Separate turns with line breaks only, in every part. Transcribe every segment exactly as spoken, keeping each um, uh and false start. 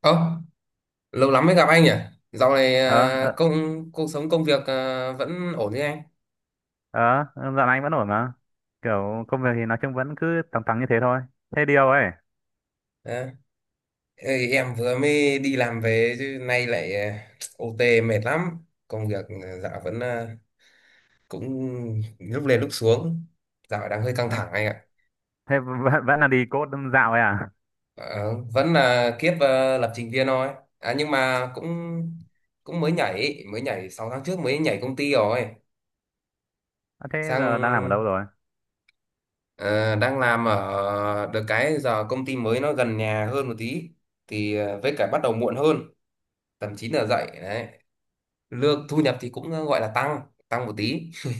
Ơ, lâu lắm mới gặp anh nhỉ? Dạo này
ờ
à,
ờ
công cuộc sống công việc à, vẫn ổn chứ anh?
ờ Dạo này anh vẫn ổn mà, kiểu công việc thì nói chung vẫn cứ tầm tầm như thế thôi, thế điều ấy.
À, ê, em vừa mới đi làm về chứ nay lại à, o tê mệt lắm. Công việc à, dạo vẫn à, cũng lúc lên lúc xuống. Dạo đang hơi căng
ờ,
thẳng anh ạ.
Thế vẫn, vẫn là đi code dạo ấy à?
Ờ, vẫn là kiếp à, lập trình viên thôi. À, nhưng mà cũng cũng mới nhảy, mới nhảy sáu tháng trước mới nhảy công ty rồi.
Ờ, thế
Sang
giờ đang làm ở đâu rồi?
Ờ, đang làm ở được cái giờ công ty mới nó gần nhà hơn một tí, thì ờ, với cả bắt đầu muộn hơn, tầm chín giờ dậy đấy. Lương thu nhập thì cũng gọi là tăng tăng một tí,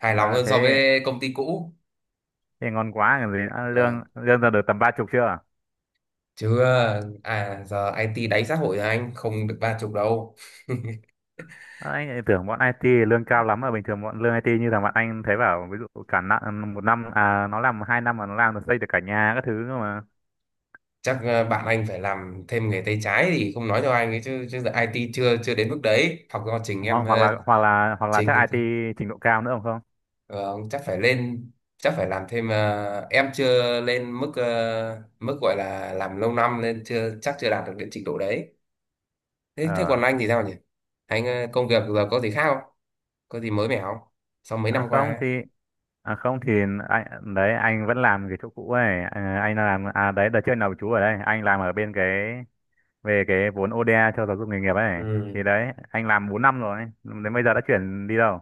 hài lòng
Ờ,
hơn
thế
so với công ty cũ.
thì ngon quá còn gì nữa. Lương
Vâng.
lương giờ được tầm ba chục chưa?
Chứ ờ, à giờ i tê đáy xã hội rồi, anh không được ba chục đâu.
Ờ, anh lại tưởng bọn ai ti lương cao lắm mà, bình thường bọn lương ai ti như thằng bạn anh thấy bảo ví dụ cả năm một năm à, nó làm hai năm mà nó làm được, xây được cả nhà các thứ cơ mà.
Chắc ờ, bạn anh phải làm thêm nghề tay trái, thì không nói cho anh ấy chứ chứ giờ i tê chưa chưa đến mức đấy, học do trình
hoặc
em
hoặc là
ờ,
hoặc là hoặc là chắc
trình
ai ti trình độ cao nữa, không không
Ờ, chắc phải lên, chắc phải làm thêm. ờ, em chưa lên mức ờ, mức gọi là làm lâu năm, nên chưa chắc chưa đạt được đến trình độ đấy. Thế thế còn
Ờ.
anh thì sao nhỉ, anh ờ, công việc giờ có gì khác không, có gì mới mẻ không, sau mấy
À
năm qua
không
ấy?
thì à không thì anh đấy, anh vẫn làm cái chỗ cũ ấy, à, anh làm, à đấy đợt trước nào chú ở đây anh làm ở bên cái về cái vốn o dê a cho giáo dục nghề nghiệp ấy.
Ừ.
Thì đấy, anh làm bốn năm rồi đến bây giờ đã chuyển đi đâu.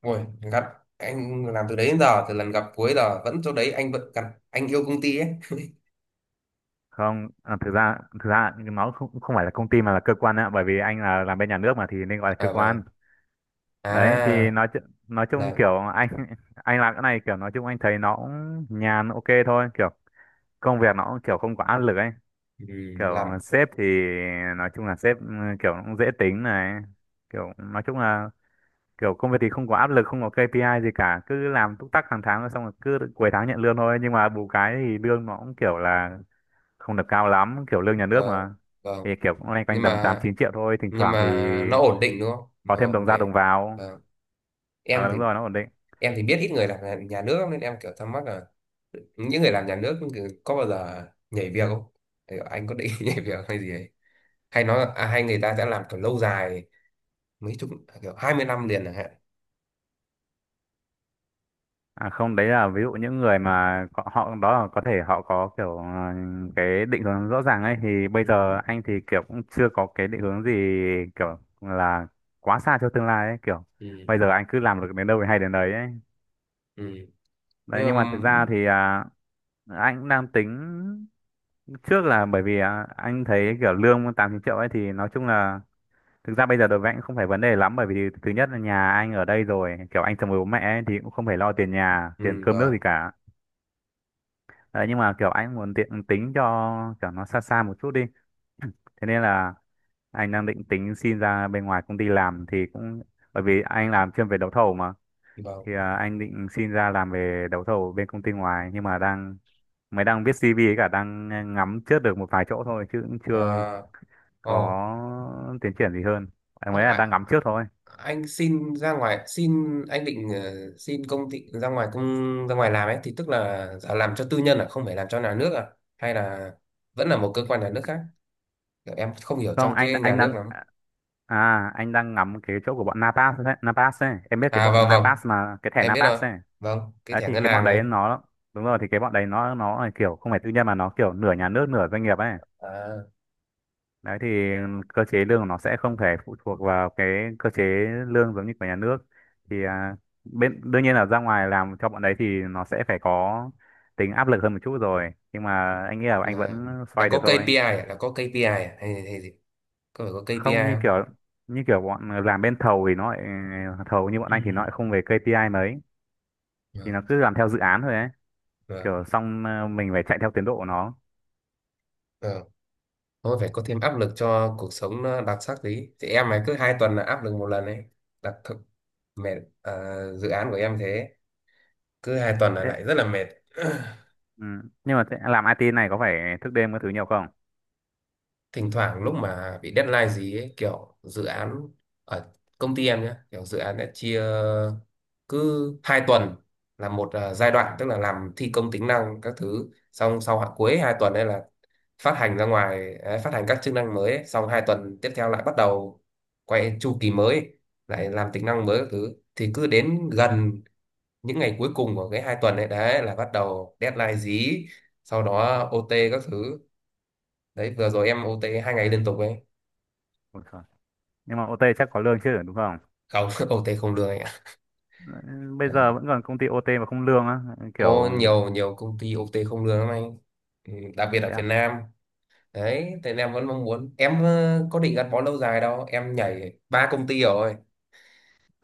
Ôi, gặp anh làm từ đấy đến giờ, từ lần gặp cuối giờ vẫn chỗ đấy, anh vẫn gặp. Anh yêu công ty ấy.
Không à, thực ra thực ra nó không không phải là công ty mà là cơ quan ạ, bởi vì anh là làm bên nhà nước mà, thì nên gọi là cơ
À,
quan.
vâng.
Đấy thì
À.
nói chu- nói chung
là
kiểu anh anh làm cái này kiểu nói chung anh thấy nó cũng nhàn, ok thôi, kiểu công việc nó cũng kiểu không có áp lực ấy.
ừ,
Kiểu ờ,
làm
sếp thì nói chung là sếp ừ, kiểu cũng dễ tính này, kiểu nói chung là kiểu công việc thì không có áp lực, không có ka pê i gì cả, cứ làm túc tắc hàng tháng rồi xong rồi cứ cuối tháng nhận lương thôi. Nhưng mà bù cái thì lương nó cũng kiểu là không được cao lắm, kiểu lương nhà nước
vâng,
mà,
vâng.
thì kiểu cũng loanh quanh
nhưng
tầm tám
mà
chín triệu thôi, thỉnh
nhưng
thoảng thì
mà nó ổn định đúng không,
có
nó
thêm
ổn
đồng ra
định.
đồng vào.
Vâng.
Ờ
Em thì
đúng rồi, nó ổn định.
em thì biết ít người làm nhà nhà nước lắm, nên em kiểu thắc mắc là những người làm nhà nước kiểu có bao giờ nhảy việc không? Kiểu anh có định nhảy việc hay gì ấy, hay nói là- à, hay người ta sẽ làm kiểu lâu dài, mấy chục à, kiểu hai mươi năm liền chẳng hạn?
À không, đấy là ví dụ những người mà có- họ đó là có thể họ có kiểu ờ, cái định hướng rõ ràng ấy, thì bây
Ừ.
giờ anh thì kiểu cũng chưa có cái định hướng gì, kiểu là quá xa cho tương lai ấy, kiểu
Ừ.
bây giờ anh cứ làm được đến đâu thì hay đến đấy ấy.
Ừ.
Đấy,
Nhưng
nhưng mà
mà,
thực ra thì à, anh cũng đang tính trước, là bởi vì à, anh thấy kiểu lương tám chín triệu ấy thì nói chung là thực ra bây giờ đối với anh cũng không phải vấn đề lắm, bởi vì thứ nhất là nhà anh ở đây rồi, kiểu anh chồng với bố mẹ ấy, thì cũng không phải lo tiền nhà
ừ,
tiền cơm nước
vâng,
gì cả. Đấy, nhưng mà kiểu anh muốn tiện tính cho kiểu nó xa xa một chút đi. Thế nên là anh đang định tính xin ra bên ngoài công ty làm, thì cũng bởi vì anh làm chuyên về đấu thầu mà,
vâng.
thì à, anh định xin ra làm về đấu thầu bên công ty ngoài, nhưng mà đang mới đang viết si vi ấy, cả đang à, ngắm trước được một vài chỗ thôi chứ cũng chưa
À, ồ.
có tiến triển gì hơn. Anh mới
Ơ,
là đang
à,
ngắm trước thôi.
anh xin ra ngoài xin anh định ờ, xin công ty ra ngoài, công ra ngoài làm ấy, thì tức là giờ làm cho tư nhân à, không phải làm cho nhà nước à? Hay là vẫn là một cơ quan nhà nước khác? Kiểu em không hiểu
Không,
trong
anh
cái nhà
anh
nước
đang
lắm.
à à, anh đang ngắm cái chỗ của bọn Napas đấy, Napas ấy. Em biết cái
À,
bọn
vâng, vâng,
Napas mà, cái thẻ
em biết rồi,
Napas ấy.
vâng, cái
Đấy
thẻ
thì
ngân
cái bọn
hàng đấy.
đấy nó, đúng rồi, thì cái bọn đấy nó nó là kiểu không phải tư nhân mà nó kiểu nửa nhà nước nửa doanh nghiệp ấy.
À,
Đấy thì cơ chế lương của nó sẽ không thể phụ thuộc vào cái cơ chế lương giống như của nhà nước. Thì à, bên đương nhiên là ra ngoài làm cho bọn đấy thì nó sẽ phải có tính áp lực hơn một chút rồi, nhưng mà anh nghĩ là anh
là
vẫn
là
xoay được
có
thôi.
ca pê i à? Là có ca pê i à? Hay hay gì, có phải có ca pê i
không như
không?
kiểu như kiểu bọn làm bên thầu thì nó lại, thầu như bọn
Ừ.
anh thì nó lại không về ca pi ai mấy, thì
Vâng,
nó cứ làm theo dự án thôi ấy,
vâng,
kiểu xong ờ, mình phải chạy theo tiến độ của nó.
vâng. Thôi phải có thêm áp lực cho cuộc sống nó đặc sắc tí. Thì em này cứ hai tuần là áp lực một lần ấy. Đặc thực mệt. À, dự án của em thế, cứ hai tuần là
Thế.
lại rất là mệt.
Ừ. Nhưng mà thế- làm ai ti này có phải thức đêm các thứ nhiều không?
Thỉnh thoảng lúc mà bị deadline gì ấy, kiểu dự án ở công ty em nhé, kiểu dự án đã chia cứ hai tuần là một à, giai đoạn, tức là làm thi công tính năng các thứ xong, sau hạ cuối hai tuần đây là phát hành ra ngoài ấy, phát hành các chức năng mới ấy. Xong hai tuần tiếp theo lại bắt đầu quay chu kỳ mới, lại làm tính năng mới các thứ, thì cứ đến gần những ngày cuối cùng của cái hai tuần ấy đấy là bắt đầu deadline dí, sau đó o tê các thứ. Đấy, vừa rồi em o tê hai ngày liên tục ấy.
Ôi trời. Nhưng mà o tê chắc có lương chứ đúng không?
Không, o tê không lương anh ạ.
Ừ, bây giờ
Ừ.
vẫn còn công ty o tê mà không lương á, kiểu
Có nhiều nhiều công ty o tê không lương lắm anh. Ừ, đặc biệt ở
thế
Việt
à?
Nam. Đấy thì em vẫn mong muốn, em ờ, có định gắn bó lâu dài đâu, em nhảy ba công ty rồi.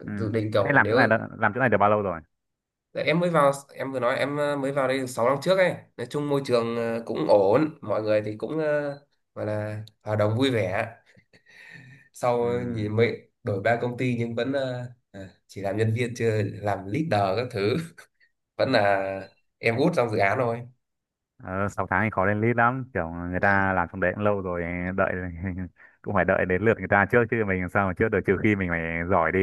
Ừ.
Dự định
Thế
kiểu,
làm chỗ
nếu…
này đã- làm chỗ này được bao lâu rồi?
Tại em mới vào, em vừa nói em ờ, mới vào đây sáu năm trước ấy, nói chung môi trường ờ, cũng ổn, mọi người thì cũng ờ, gọi là hòa đồng vui vẻ.
Ừ.
Sau nhìn mới đổi ba công ty nhưng vẫn ờ, à, chỉ làm nhân viên, chưa làm leader các thứ. Vẫn là em út trong dự án thôi.
Ờ, sáu tháng thì khó lên lead lắm, kiểu người ta làm trong đấy cũng lâu rồi, đợi cũng phải đợi đến lượt người ta trước chứ mình làm sao mà trước được, trừ khi mình phải giỏi đi.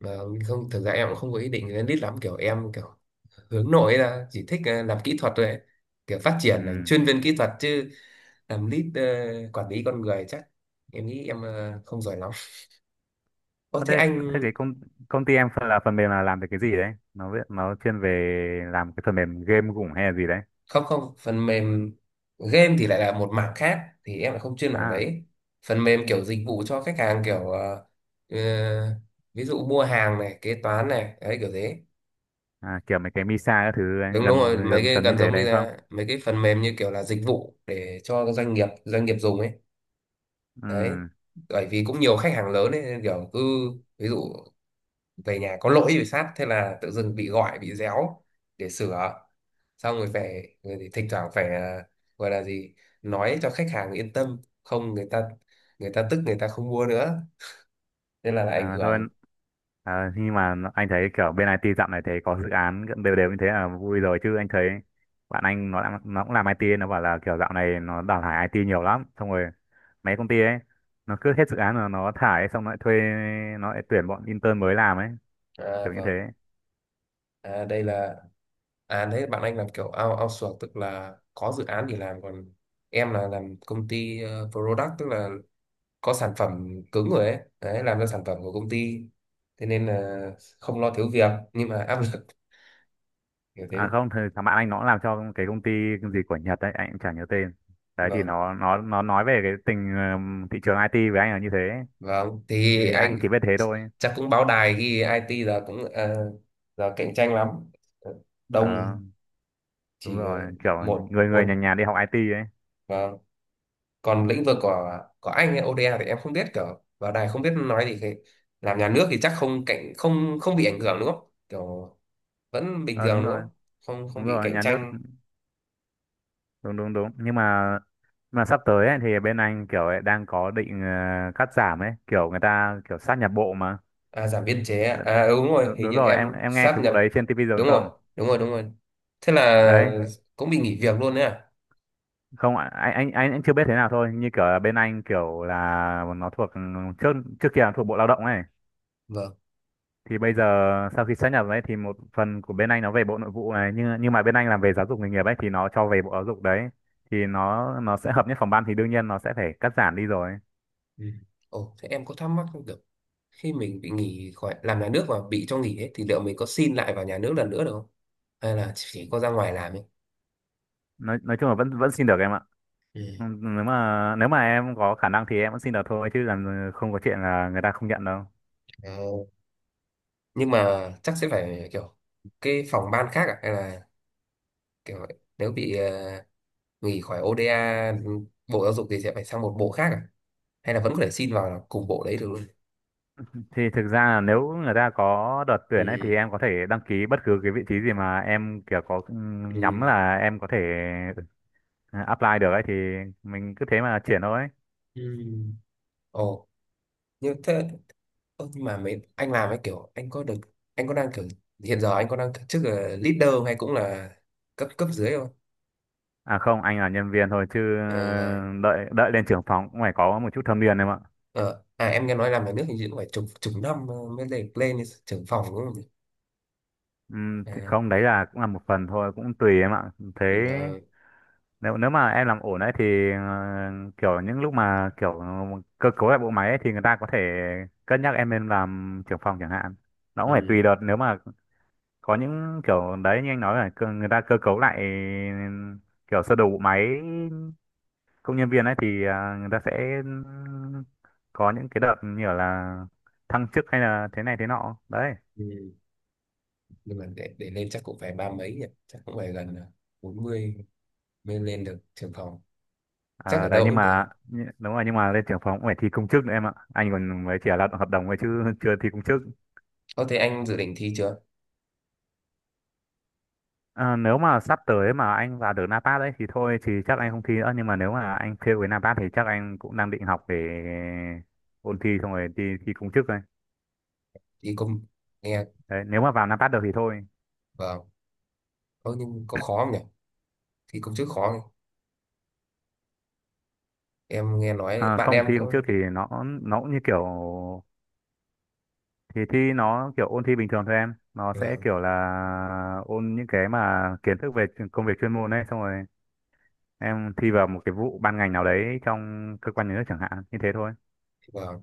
Mà không, thực ra em cũng không có ý định lên lead lắm, kiểu em kiểu hướng nội ấy, là chỉ thích ờ, làm kỹ thuật thôi ấy. Kiểu phát triển thành
Ừ.
chuyên viên kỹ thuật chứ, làm lead ờ, quản lý con người chắc em nghĩ em ờ, không giỏi lắm. Ô,
Ở
thế
đây thế
anh…
cái công công ty em phần là phần mềm là làm về cái gì đấy? Nó viết- nó chuyên về làm cái phần mềm game cũng hay là gì đấy?
Không, không, phần mềm game thì lại là một mảng khác, thì em lại không chuyên mảng
À.
đấy. Phần mềm kiểu dịch vụ cho khách hàng, kiểu ờ, ờ, ví dụ mua hàng này, kế toán này, đấy kiểu thế.
À, kiểu mấy cái Misa các thứ
Đúng, đúng
gần,
rồi,
gần
mấy
gần
cái
gần như
gần
thế
giống như
đấy không.
là mấy cái phần mềm như kiểu là dịch vụ để cho doanh nghiệp doanh nghiệp dùng ấy.
Ừ.
Đấy bởi vì cũng nhiều khách hàng lớn ấy, nên kiểu cứ, ví dụ về nhà có lỗi bị sát, thế là tự dưng bị gọi, bị réo để sửa, xong rồi về rồi thì thỉnh thoảng phải à, gọi là gì, nói cho khách hàng yên tâm, không người ta, người ta tức người ta không mua nữa, nên là, là ảnh
à, thôi
hưởng.
à, nhưng mà nó- anh thấy kiểu bên ai ti dạo này thấy có dự án gần đều đều như thế là vui rồi, chứ anh thấy bạn anh nó đã, nó cũng làm ai ti ấy, nó bảo là kiểu dạo này nó đào thải ai ti nhiều lắm, xong rồi mấy công ty ấy nó cứ hết dự án là nó thải, xong nó lại thuê, nó lại tuyển bọn intern mới làm ấy,
À,
kiểu như thế.
vâng. À, đây là… À đấy, bạn anh làm kiểu out- outsource, tức là có dự án thì làm, còn em là làm công ty ờ, product, tức là có sản phẩm cứng rồi ấy, đấy làm ra sản phẩm của công ty. Thế nên là không lo thiếu việc, nhưng mà áp lực kiểu
À
thế.
không thì thằng bạn anh nó cũng làm cho cái công ty gì của Nhật ấy, anh cũng chả nhớ tên, đấy thì
Vâng,
nó nó nó nói về cái tình ừm, thị trường ai ti với anh là như thế,
vâng, thì
thì anh
anh…
chỉ biết thế thôi.
Chắc cũng báo đài ghi ai ti giờ cũng ờ, giờ cạnh tranh lắm. Ờ, đông.
Ờ đúng
Chỉ ờ,
rồi, kiểu
một
người người
một,
nhà nhà đi học ai ti ấy.
vâng. Còn lĩnh vực của của anh ấy, âu đi ây thì em không biết, kiểu báo đài không biết nói gì, thì làm nhà nước thì chắc không cạnh không không bị ảnh hưởng đúng không, kiểu vẫn bình
Ờ
thường
đúng
đúng
rồi,
không, không, không
đúng
bị
rồi,
cạnh
nhà nước,
tranh?
đúng đúng đúng nhưng mà mà sắp tới ấy, thì bên anh kiểu ấy đang có định ờ, cắt giảm ấy, kiểu người ta kiểu sát nhập bộ mà.
À, giảm biên chế à, à ừ, đúng rồi,
Đúng,
hình
đúng
như
rồi,
em
em em nghe cái
sáp
vụ
nhập.
đấy trên ti vi rồi
Đúng
không?
rồi, đúng rồi, đúng rồi. Thế
Đấy,
là cũng bị nghỉ việc luôn đấy à?
không ạ, anh anh anh anh chưa biết thế nào thôi, như kiểu là bên anh kiểu là nó thuộc ừ, trước trước kia là thuộc bộ lao động ấy,
Vâng,
thì bây giờ sau khi sát nhập đấy thì một phần của bên anh nó về bộ nội vụ này, nhưng nhưng mà bên anh làm về giáo dục nghề nghiệp ấy thì nó cho về bộ giáo dục. Đấy thì nó nó sẽ hợp nhất phòng ban, thì đương nhiên nó sẽ phải cắt giảm đi rồi.
ừ. Ồ, thế em có thắc mắc không được, khi mình bị nghỉ khỏi làm nhà nước và bị cho nghỉ ấy, thì liệu mình có xin lại vào nhà nước lần nữa được không, hay là chỉ có ra ngoài làm ấy?
Nói nói chung là vẫn vẫn xin được em ạ.
Ừ.
Ừ, nếu mà nếu mà em có khả năng thì em vẫn xin được thôi chứ, làm không có chuyện là người ta không nhận đâu.
Ờ, nhưng mà chắc sẽ phải kiểu cái phòng ban khác à, hay là kiểu nếu bị ờ, nghỉ khỏi o đê a bộ giáo dục thì sẽ phải sang một bộ khác à, hay là vẫn có thể xin vào cùng bộ đấy được luôn?
Thì thực ra là nếu người ta có đợt
Ừ.
tuyển ấy thì em có thể đăng ký bất cứ cái vị trí gì mà em kiểu có ừ,
Ừ.
nhắm là em có thể ừ, apply được ấy, thì mình cứ thế mà chuyển thôi.
Ừ. Ồ, như thế. Ơ, nhưng mà mấy anh làm ấy, kiểu anh có được anh có đang kiểu hiện giờ anh có đang kiểu chức là leader không, hay cũng là cấp cấp dưới không?
À không, anh là nhân viên thôi chứ ờ,
Ờ,
đợi đợi lên trưởng phòng cũng phải có một chút thâm niên em ạ.
ờ, à, em nghe nói làm nhà nước hình như cũng phải chục chục năm ờ, mới lên lên trưởng phòng đúng không nhỉ?
Ừm, thì
À,
không, đấy là cũng là một phần thôi, cũng tùy em ạ. Thế
ừ, ờ,
nếu nếu mà em làm ổn đấy thì ờ, kiểu những lúc mà kiểu cơ cấu lại bộ máy ấy, thì người ta có thể cân nhắc em lên làm trưởng phòng chẳng hạn. Nó cũng phải tùy
ừ,
đợt, nếu mà có những kiểu đấy như anh nói là cơ- người ta cơ cấu lại kiểu sơ đồ bộ máy công nhân viên ấy, thì à, người ta sẽ có những cái đợt như kiểu là thăng chức hay là thế này thế nọ đấy.
ừ. Nhưng mà để để lên chắc cũng phải ba mấy nhỉ, chắc cũng phải gần ờ, bốn mươi mới lên được trưởng phòng. Chắc
À,
ở
đấy
đâu
nhưng
cũng thế.
mà nhị- đúng rồi, nhưng mà lên trưởng phòng cũng phải thi công chức nữa em ạ, anh còn mới chỉ là lao động hợp đồng thôi chứ chưa thi công chức.
Ờ, thế anh dự định thi chưa?
À, nếu mà sắp tới mà anh vào được na pát đấy thì thôi thì chắc
Ờ,
anh không thi nữa, nhưng mà nếu mà anh fail với na pát thì chắc anh cũng đang định học để ôn thi xong rồi đi thi công chức thôi.
Thi công nghe,
Đấy nếu mà vào na pát được thì thôi.
vâng. Ờ, nhưng có khó không nhỉ? Thì công chức khó, em nghe nói
À,
bạn
không,
em
thi công chức
cũng…
thì nó nó cũng như kiểu, thì thi nó kiểu ôn thi bình thường thôi em, nó sẽ
là
kiểu là ôn những cái mà kiến thức về chuyên- công việc chuyên môn ấy, xong rồi em thi vào một cái vụ ban ngành nào đấy trong cơ quan nhà nước chẳng hạn, như thế thôi.
vâng.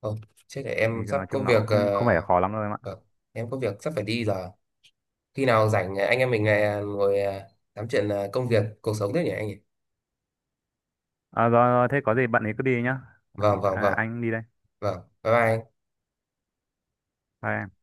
Không, chết để em
Thì
sắp
nói
có
chung nó
việc
cũng
ờ,
không không phải là khó lắm đâu em ạ.
vâng, em có việc sắp phải đi rồi. Khi nào rảnh ờ, anh em mình ờ, ngồi ờ, tám chuyện ờ, công việc cuộc sống thế nhỉ anh nhỉ.
À, rồi, rồi, thế có gì bạn ấy cứ đi nhá.
Vâng, vâng,
À,
vâng.
anh đi đây.
Vâng, bye bye.
Bye em.